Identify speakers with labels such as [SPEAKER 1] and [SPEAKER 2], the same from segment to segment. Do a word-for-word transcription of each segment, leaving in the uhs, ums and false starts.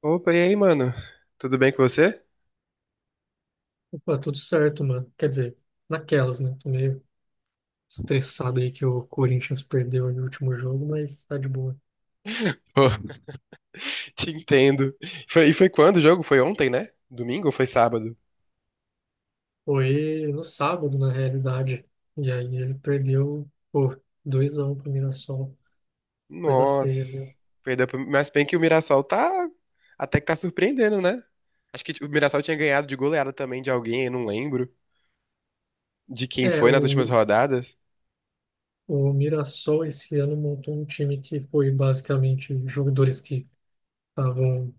[SPEAKER 1] Opa, e aí, mano? Tudo bem com você?
[SPEAKER 2] Pô, tudo certo, mano. Quer dizer, naquelas, né? Tô meio estressado aí que o Corinthians perdeu aí no último jogo, mas tá de boa.
[SPEAKER 1] Pô, te entendo. Foi- e foi quando o jogo? Foi ontem, né? Domingo ou foi sábado?
[SPEAKER 2] Foi no sábado, na realidade. E aí ele perdeu, pô, dois a um pro Mirassol. Coisa feia, viu?
[SPEAKER 1] Nossa, perdeu pro- mas bem que o Mirassol tá até que tá surpreendendo, né? Acho que o Mirassol tinha ganhado de goleada também de alguém, eu não lembro de quem
[SPEAKER 2] É,
[SPEAKER 1] foi nas últimas
[SPEAKER 2] o,
[SPEAKER 1] rodadas.
[SPEAKER 2] o Mirassol esse ano montou um time que foi basicamente jogadores que estavam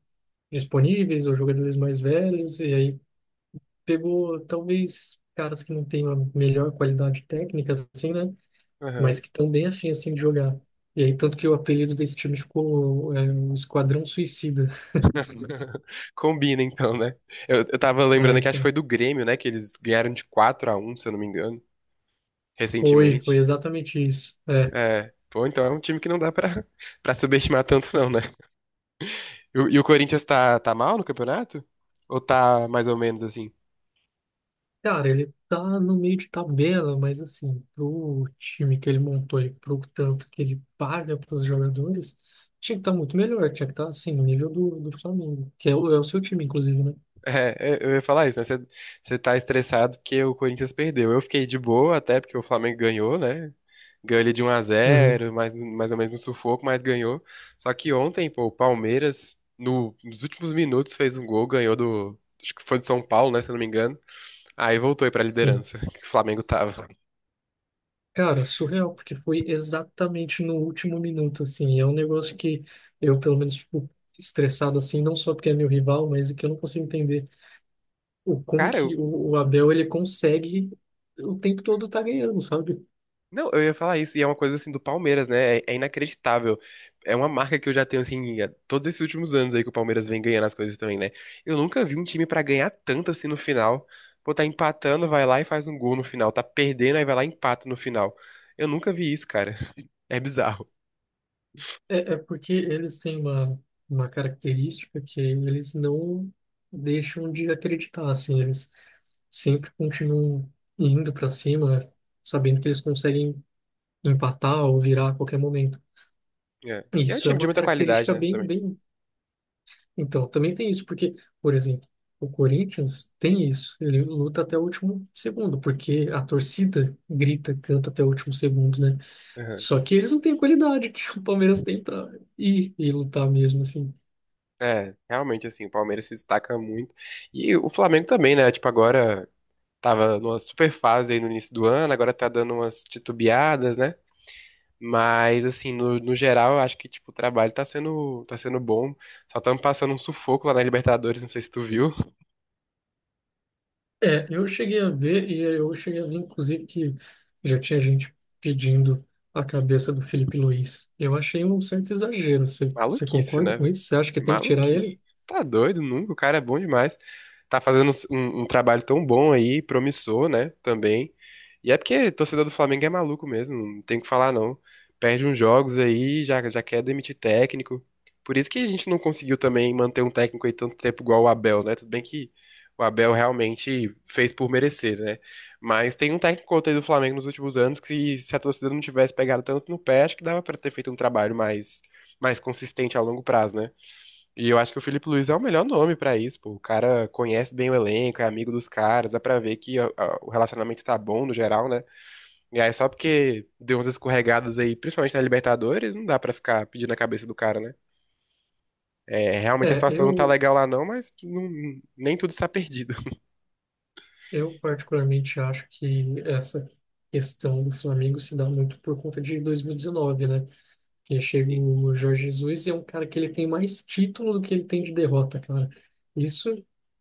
[SPEAKER 2] disponíveis ou jogadores mais velhos, e aí pegou talvez caras que não têm a melhor qualidade técnica, assim, né?
[SPEAKER 1] Aham.
[SPEAKER 2] Mas que estão bem afim assim de jogar. E aí, tanto que o apelido desse time ficou é, o Esquadrão Suicida.
[SPEAKER 1] Combina então, né? Eu, eu tava
[SPEAKER 2] É,
[SPEAKER 1] lembrando que acho que foi
[SPEAKER 2] então,
[SPEAKER 1] do Grêmio, né? Que eles ganharam de quatro a um, se eu não me engano,
[SPEAKER 2] foi, foi
[SPEAKER 1] recentemente.
[SPEAKER 2] exatamente isso. É.
[SPEAKER 1] É. Pô, então é um time que não dá pra, pra subestimar tanto, não, né? E, o e o Corinthians tá, tá mal no campeonato? Ou tá mais ou menos assim?
[SPEAKER 2] Cara, ele tá no meio de tabela, mas assim, pro time que ele montou e pro tanto que ele paga pros jogadores, tinha que estar muito melhor, tinha que estar assim, no nível do, do Flamengo, que é o, é o seu time, inclusive, né?
[SPEAKER 1] É, é, eu ia falar isso, né? Você você tá estressado porque o Corinthians perdeu. Eu fiquei de boa até porque o Flamengo ganhou, né? Ganhou ele de um a
[SPEAKER 2] Uhum,
[SPEAKER 1] zero mais, mais ou menos no sufoco, mas ganhou. Só que ontem, pô, o Palmeiras, no- nos últimos minutos, fez um gol, ganhou do. Acho que foi do São Paulo, né? Se eu não me engano. Aí voltou aí pra
[SPEAKER 2] sim.
[SPEAKER 1] liderança, que o Flamengo tava.
[SPEAKER 2] Cara, surreal, porque foi exatamente no último minuto, assim. E É um negócio que eu, pelo menos, fico estressado, assim, não só porque é meu rival, mas que eu não consigo entender o como
[SPEAKER 1] Cara,
[SPEAKER 2] que o, o Abel, ele consegue o tempo todo tá ganhando, sabe?
[SPEAKER 1] não, eu ia falar isso, e é uma coisa assim do Palmeiras, né? É, é inacreditável. É uma marca que eu já tenho, assim, há todos esses últimos anos aí que o Palmeiras vem ganhando as coisas também, né? Eu nunca vi um time pra ganhar tanto assim no final. Pô, tá empatando, vai lá e faz um gol no final. Tá perdendo, aí vai lá e empata no final. Eu nunca vi isso, cara. É bizarro.
[SPEAKER 2] É, é porque eles têm uma, uma característica que eles não deixam de acreditar, assim. Eles sempre continuam indo para cima, sabendo que eles conseguem empatar ou virar a qualquer momento.
[SPEAKER 1] É. E é um
[SPEAKER 2] Isso é
[SPEAKER 1] time de
[SPEAKER 2] uma
[SPEAKER 1] muita qualidade,
[SPEAKER 2] característica
[SPEAKER 1] né?
[SPEAKER 2] bem,
[SPEAKER 1] Também.
[SPEAKER 2] bem. Então, também tem isso, porque, por exemplo, o Corinthians tem isso, ele luta até o último segundo, porque a torcida grita, canta até o último segundo, né?
[SPEAKER 1] Aham.
[SPEAKER 2] Só que eles não têm a qualidade que o Palmeiras tem para ir e lutar mesmo, assim.
[SPEAKER 1] É, realmente, assim, o Palmeiras se destaca muito. E o Flamengo também, né? Tipo, agora tava numa super fase aí no início do ano, agora tá dando umas titubeadas, né? Mas, assim, no, no geral, eu acho que, tipo, o trabalho tá sendo, tá sendo bom. Só estamos passando um sufoco lá na Libertadores, não sei se tu viu.
[SPEAKER 2] É, eu cheguei a ver, e eu cheguei a ver, inclusive, que já tinha gente pedindo a cabeça do Felipe Luiz. Eu achei um certo exagero. Você, você
[SPEAKER 1] Maluquice,
[SPEAKER 2] concorda
[SPEAKER 1] né,
[SPEAKER 2] com
[SPEAKER 1] velho?
[SPEAKER 2] isso? Você acha que tem que tirar
[SPEAKER 1] Maluquice.
[SPEAKER 2] ele?
[SPEAKER 1] Tá doido, nunca. O cara é bom demais. Tá fazendo um, um trabalho tão bom aí, promissor, né? Também. E é porque torcedor do Flamengo é maluco mesmo, não tem o que falar, não. Perde uns jogos aí, já, já quer demitir técnico. Por isso que a gente não conseguiu também manter um técnico aí tanto tempo igual o Abel, né? Tudo bem que o Abel realmente fez por merecer, né? Mas tem um técnico outro aí do Flamengo nos últimos anos que se a torcida não tivesse pegado tanto no pé, acho que dava pra ter feito um trabalho mais mais consistente a longo prazo, né? E eu acho que o Felipe Luiz é o melhor nome pra isso, pô. O cara conhece bem o elenco, é amigo dos caras, dá pra ver que a- a- o relacionamento tá bom no geral, né? E aí só porque deu umas escorregadas aí, principalmente na Libertadores, não dá pra ficar pedindo a cabeça do cara, né? É, realmente a
[SPEAKER 2] É,
[SPEAKER 1] situação não tá
[SPEAKER 2] eu,
[SPEAKER 1] legal lá não, mas não- nem tudo está perdido.
[SPEAKER 2] Eu particularmente acho que essa questão do Flamengo se dá muito por conta de dois mil e dezenove, né? Porque chega
[SPEAKER 1] Sim.
[SPEAKER 2] o Jorge Jesus e é um cara que ele tem mais título do que ele tem de derrota, cara. Isso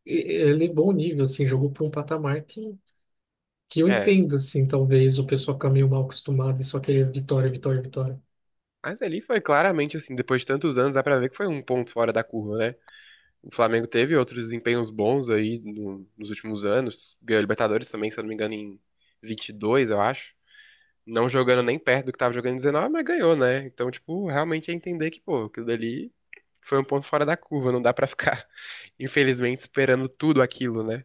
[SPEAKER 2] e- elevou o nível, assim, jogou para um patamar que, que eu
[SPEAKER 1] É,
[SPEAKER 2] entendo, assim, talvez o pessoal fica meio mal acostumado e só quer vitória, vitória, vitória.
[SPEAKER 1] mas ali foi claramente assim, depois de tantos anos, dá pra ver que foi um ponto fora da curva, né? O Flamengo teve outros desempenhos bons aí no- nos últimos anos. Ganhou a Libertadores também, se eu não me engano, em vinte e dois, eu acho. Não jogando nem perto do que tava jogando em dezenove, mas ganhou, né? Então, tipo, realmente é entender que, pô, aquilo dali foi um ponto fora da curva. Não dá pra ficar, infelizmente, esperando tudo aquilo, né?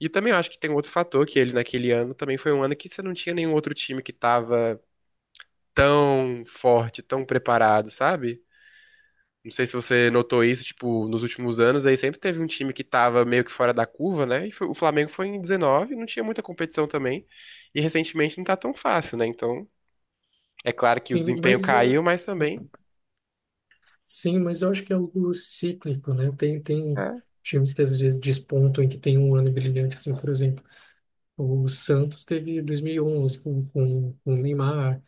[SPEAKER 1] E também eu acho que tem um outro fator, que ele naquele ano também foi um ano que você não tinha nenhum outro time que tava tão forte, tão preparado, sabe? Não sei se você notou isso, tipo, nos últimos anos aí sempre teve um time que tava meio que fora da curva, né? E foi- o Flamengo foi em dezenove, não tinha muita competição também. E recentemente não tá tão fácil, né? Então, é claro que o
[SPEAKER 2] Sim,
[SPEAKER 1] desempenho
[SPEAKER 2] mas ah,
[SPEAKER 1] caiu, mas também.
[SPEAKER 2] Sim, mas eu acho que é algo cíclico, né? Tem, tem
[SPEAKER 1] É.
[SPEAKER 2] times que às vezes despontam em que tem um ano brilhante, assim, por exemplo. O Santos teve dois mil e onze com, com, com o Neymar, o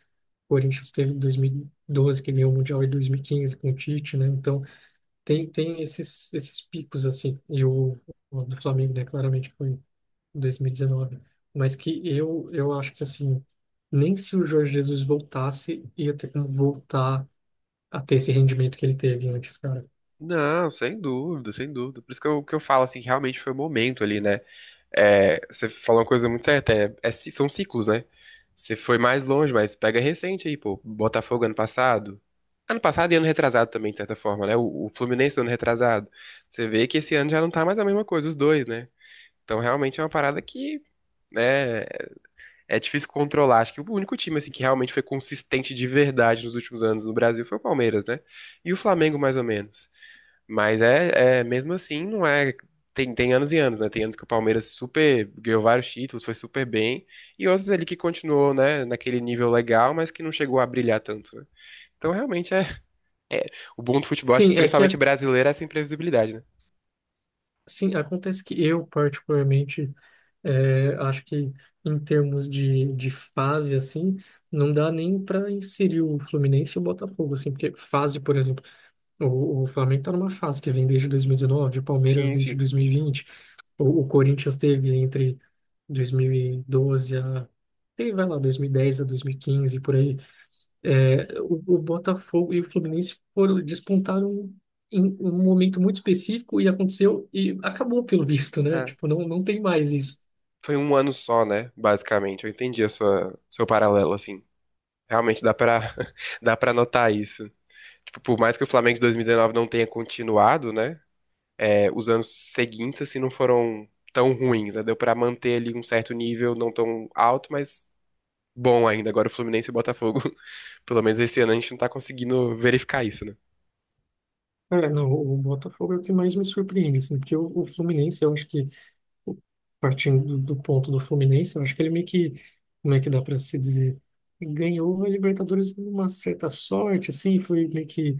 [SPEAKER 2] Corinthians teve dois mil e doze, que ganhou o Mundial, e dois mil e quinze com o Tite, né? Então, tem, tem esses, esses picos, assim. E o, o do Flamengo, né? Claramente foi dois mil e dezenove. Mas que eu, eu acho que, assim, nem se o Jorge Jesus voltasse, ia ter como voltar a ter esse rendimento que ele teve antes, cara.
[SPEAKER 1] Não, sem dúvida, sem dúvida. Por isso que eu, que eu falo assim, que realmente foi o momento ali, né? É, você falou uma coisa muito certa, é, é ci- são ciclos, né? Você foi mais longe, mas pega recente aí, pô. Botafogo ano passado. Ano passado e ano retrasado também, de certa forma, né? O, o Fluminense do ano retrasado. Você vê que esse ano já não tá mais a mesma coisa, os dois, né? Então realmente é uma parada que, né, é difícil controlar. Acho que o único time, assim, que realmente foi consistente de verdade nos últimos anos no Brasil foi o Palmeiras, né? E o Flamengo, mais ou menos. Mas é, é mesmo assim, não é. Tem, tem anos e anos, né? Tem anos que o Palmeiras super ganhou vários títulos, foi super bem, e outros ali que continuou, né, naquele nível legal, mas que não chegou a brilhar tanto, né? Então realmente é, é o bom do futebol, acho que
[SPEAKER 2] Sim, é que,
[SPEAKER 1] principalmente
[SPEAKER 2] a-
[SPEAKER 1] brasileiro, é essa imprevisibilidade, né?
[SPEAKER 2] sim, acontece que eu, particularmente, É, acho que em termos de, de fase, assim, não dá nem para inserir o Fluminense e o Botafogo, assim, porque fase, por exemplo, o, o Flamengo tá numa fase que vem desde dois mil e dezenove, o Palmeiras
[SPEAKER 1] Sim,
[SPEAKER 2] desde
[SPEAKER 1] sim.
[SPEAKER 2] dois mil e vinte, o, o Corinthians teve entre dois mil e doze a, teve, vai lá, dois mil e dez a dois mil e quinze, por aí. É, o, o Botafogo e o Fluminense foram, despontaram em um momento muito específico e aconteceu e acabou pelo visto, né?
[SPEAKER 1] É.
[SPEAKER 2] Tipo, não, não tem mais isso.
[SPEAKER 1] Foi um ano só, né? Basicamente. Eu entendi a sua, seu paralelo, assim. Realmente dá pra, dá pra notar isso. Tipo, por mais que o Flamengo de dois mil e dezenove não tenha continuado, né? É, os anos seguintes, assim, não foram tão ruins, né? Deu pra manter ali um certo nível, não tão alto, mas bom ainda. Agora o Fluminense e o Botafogo, pelo menos esse ano, a gente não tá conseguindo verificar isso, né?
[SPEAKER 2] É, não, o Botafogo é o que mais me surpreende, assim, porque o, o Fluminense, eu acho que, o- partindo do, do ponto do Fluminense, eu acho que ele meio que, como é que dá para se dizer, ganhou a Libertadores com uma certa sorte, assim, foi meio que,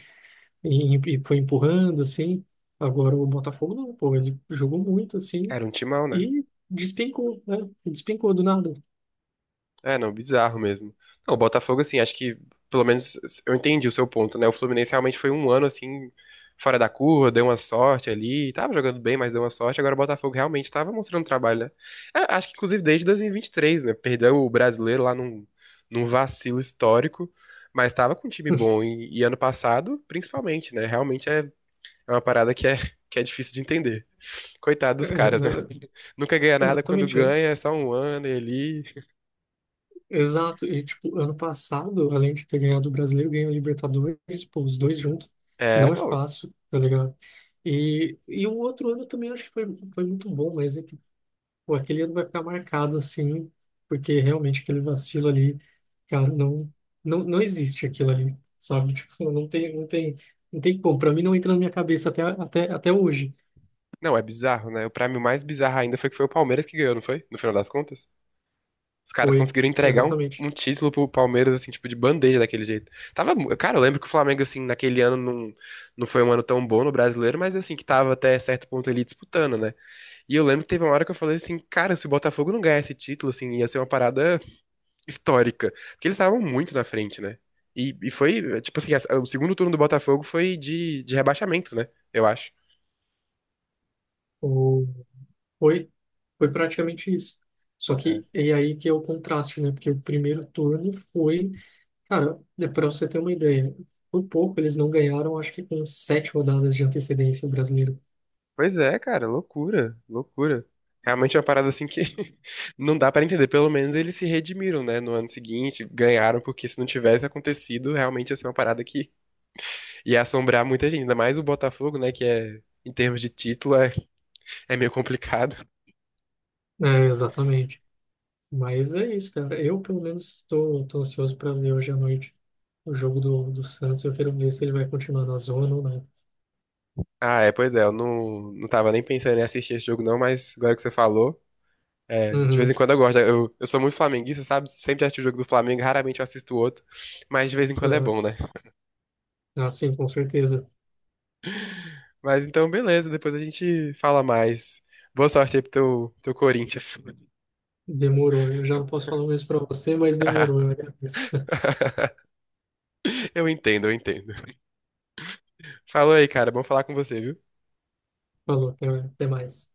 [SPEAKER 2] em- em- foi empurrando, assim, agora o Botafogo não, pô, ele jogou muito, assim,
[SPEAKER 1] Era um timão, né?
[SPEAKER 2] e despencou, né, despencou do nada.
[SPEAKER 1] É, não, bizarro mesmo. Não, o Botafogo, assim, acho que, pelo menos, eu entendi o seu ponto, né? O Fluminense realmente foi um ano, assim, fora da curva, deu uma sorte ali, tava jogando bem, mas deu uma sorte. Agora o Botafogo realmente tava mostrando trabalho, né? É, acho que, inclusive, desde dois mil e e vinte e três, né? Perdeu o brasileiro lá num, num vacilo histórico, mas tava com um time bom. E, e ano passado, principalmente, né? Realmente é, é uma parada que é, que é difícil de entender. Coitado
[SPEAKER 2] É,
[SPEAKER 1] dos caras, né?
[SPEAKER 2] é,
[SPEAKER 1] Nunca ganha nada, quando
[SPEAKER 2] exatamente, né?
[SPEAKER 1] ganha é só um ano e ali.
[SPEAKER 2] Exato, e tipo, ano passado, além de ter ganhado o Brasileiro, ganhou a Libertadores, pô, os dois juntos,
[SPEAKER 1] É,
[SPEAKER 2] não é
[SPEAKER 1] pô,
[SPEAKER 2] fácil, tá ligado? E, e o outro ano também acho que foi, foi muito bom, mas é que, pô, aquele ano vai ficar marcado assim, porque realmente aquele vacilo ali, cara, não, não, não existe aquilo ali, sabe? Tipo, não tem, não tem, não tem como, pra mim não entra na minha cabeça até, até, até hoje.
[SPEAKER 1] não, é bizarro, né? Pra mim, o mais bizarro ainda foi que foi o Palmeiras que ganhou, não foi? No final das contas. Os caras
[SPEAKER 2] Foi,
[SPEAKER 1] conseguiram entregar um,
[SPEAKER 2] exatamente.
[SPEAKER 1] um título pro Palmeiras, assim, tipo, de bandeja daquele jeito. Tava, mu- cara, eu lembro que o Flamengo, assim, naquele ano não, não foi um ano tão bom no brasileiro, mas, assim, que tava até certo ponto ali disputando, né? E eu lembro que teve uma hora que eu falei assim, cara, se o Botafogo não ganhar esse título, assim, ia ser uma parada histórica. Porque eles estavam muito na frente, né? E, e foi, tipo assim, a- o segundo turno do Botafogo foi de, de rebaixamento, né? Eu acho.
[SPEAKER 2] Foi, foi praticamente isso. Só que é aí que é o contraste, né? Porque o primeiro turno foi, cara, é para você ter uma ideia, por pouco eles não ganharam, acho que com sete rodadas de antecedência o brasileiro.
[SPEAKER 1] Pois é, cara, loucura, loucura. Realmente é uma parada assim que não dá pra entender. Pelo menos eles se redimiram, né, no ano seguinte, ganharam, porque se não tivesse acontecido, realmente ia ser uma parada que ia assombrar muita gente. Ainda mais o Botafogo, né, que é, em termos de título, é, é meio complicado.
[SPEAKER 2] É, exatamente. Mas é isso, cara. Eu, pelo menos, tô, tô ansioso para ver hoje à noite o jogo do, do Santos. Eu quero ver se ele vai continuar na zona ou não.
[SPEAKER 1] Ah, é, pois é, eu não, não tava nem pensando em assistir esse jogo não, mas agora que você falou, é, de vez em
[SPEAKER 2] Uhum.
[SPEAKER 1] quando eu gosto. Eu, eu sou muito flamenguista, sabe? Sempre assisto o jogo do Flamengo, raramente eu assisto o outro, mas de vez em quando é
[SPEAKER 2] É,
[SPEAKER 1] bom, né?
[SPEAKER 2] ah, sim, com certeza.
[SPEAKER 1] Mas então, beleza, depois a gente fala mais. Boa sorte aí pro teu, teu Corinthians.
[SPEAKER 2] Demorou. Eu já não posso falar o mesmo para você, mas demorou. Eu agradeço.
[SPEAKER 1] Eu entendo, eu entendo. Falou aí, cara. Bom falar com você, viu?
[SPEAKER 2] Falou, até, até mais.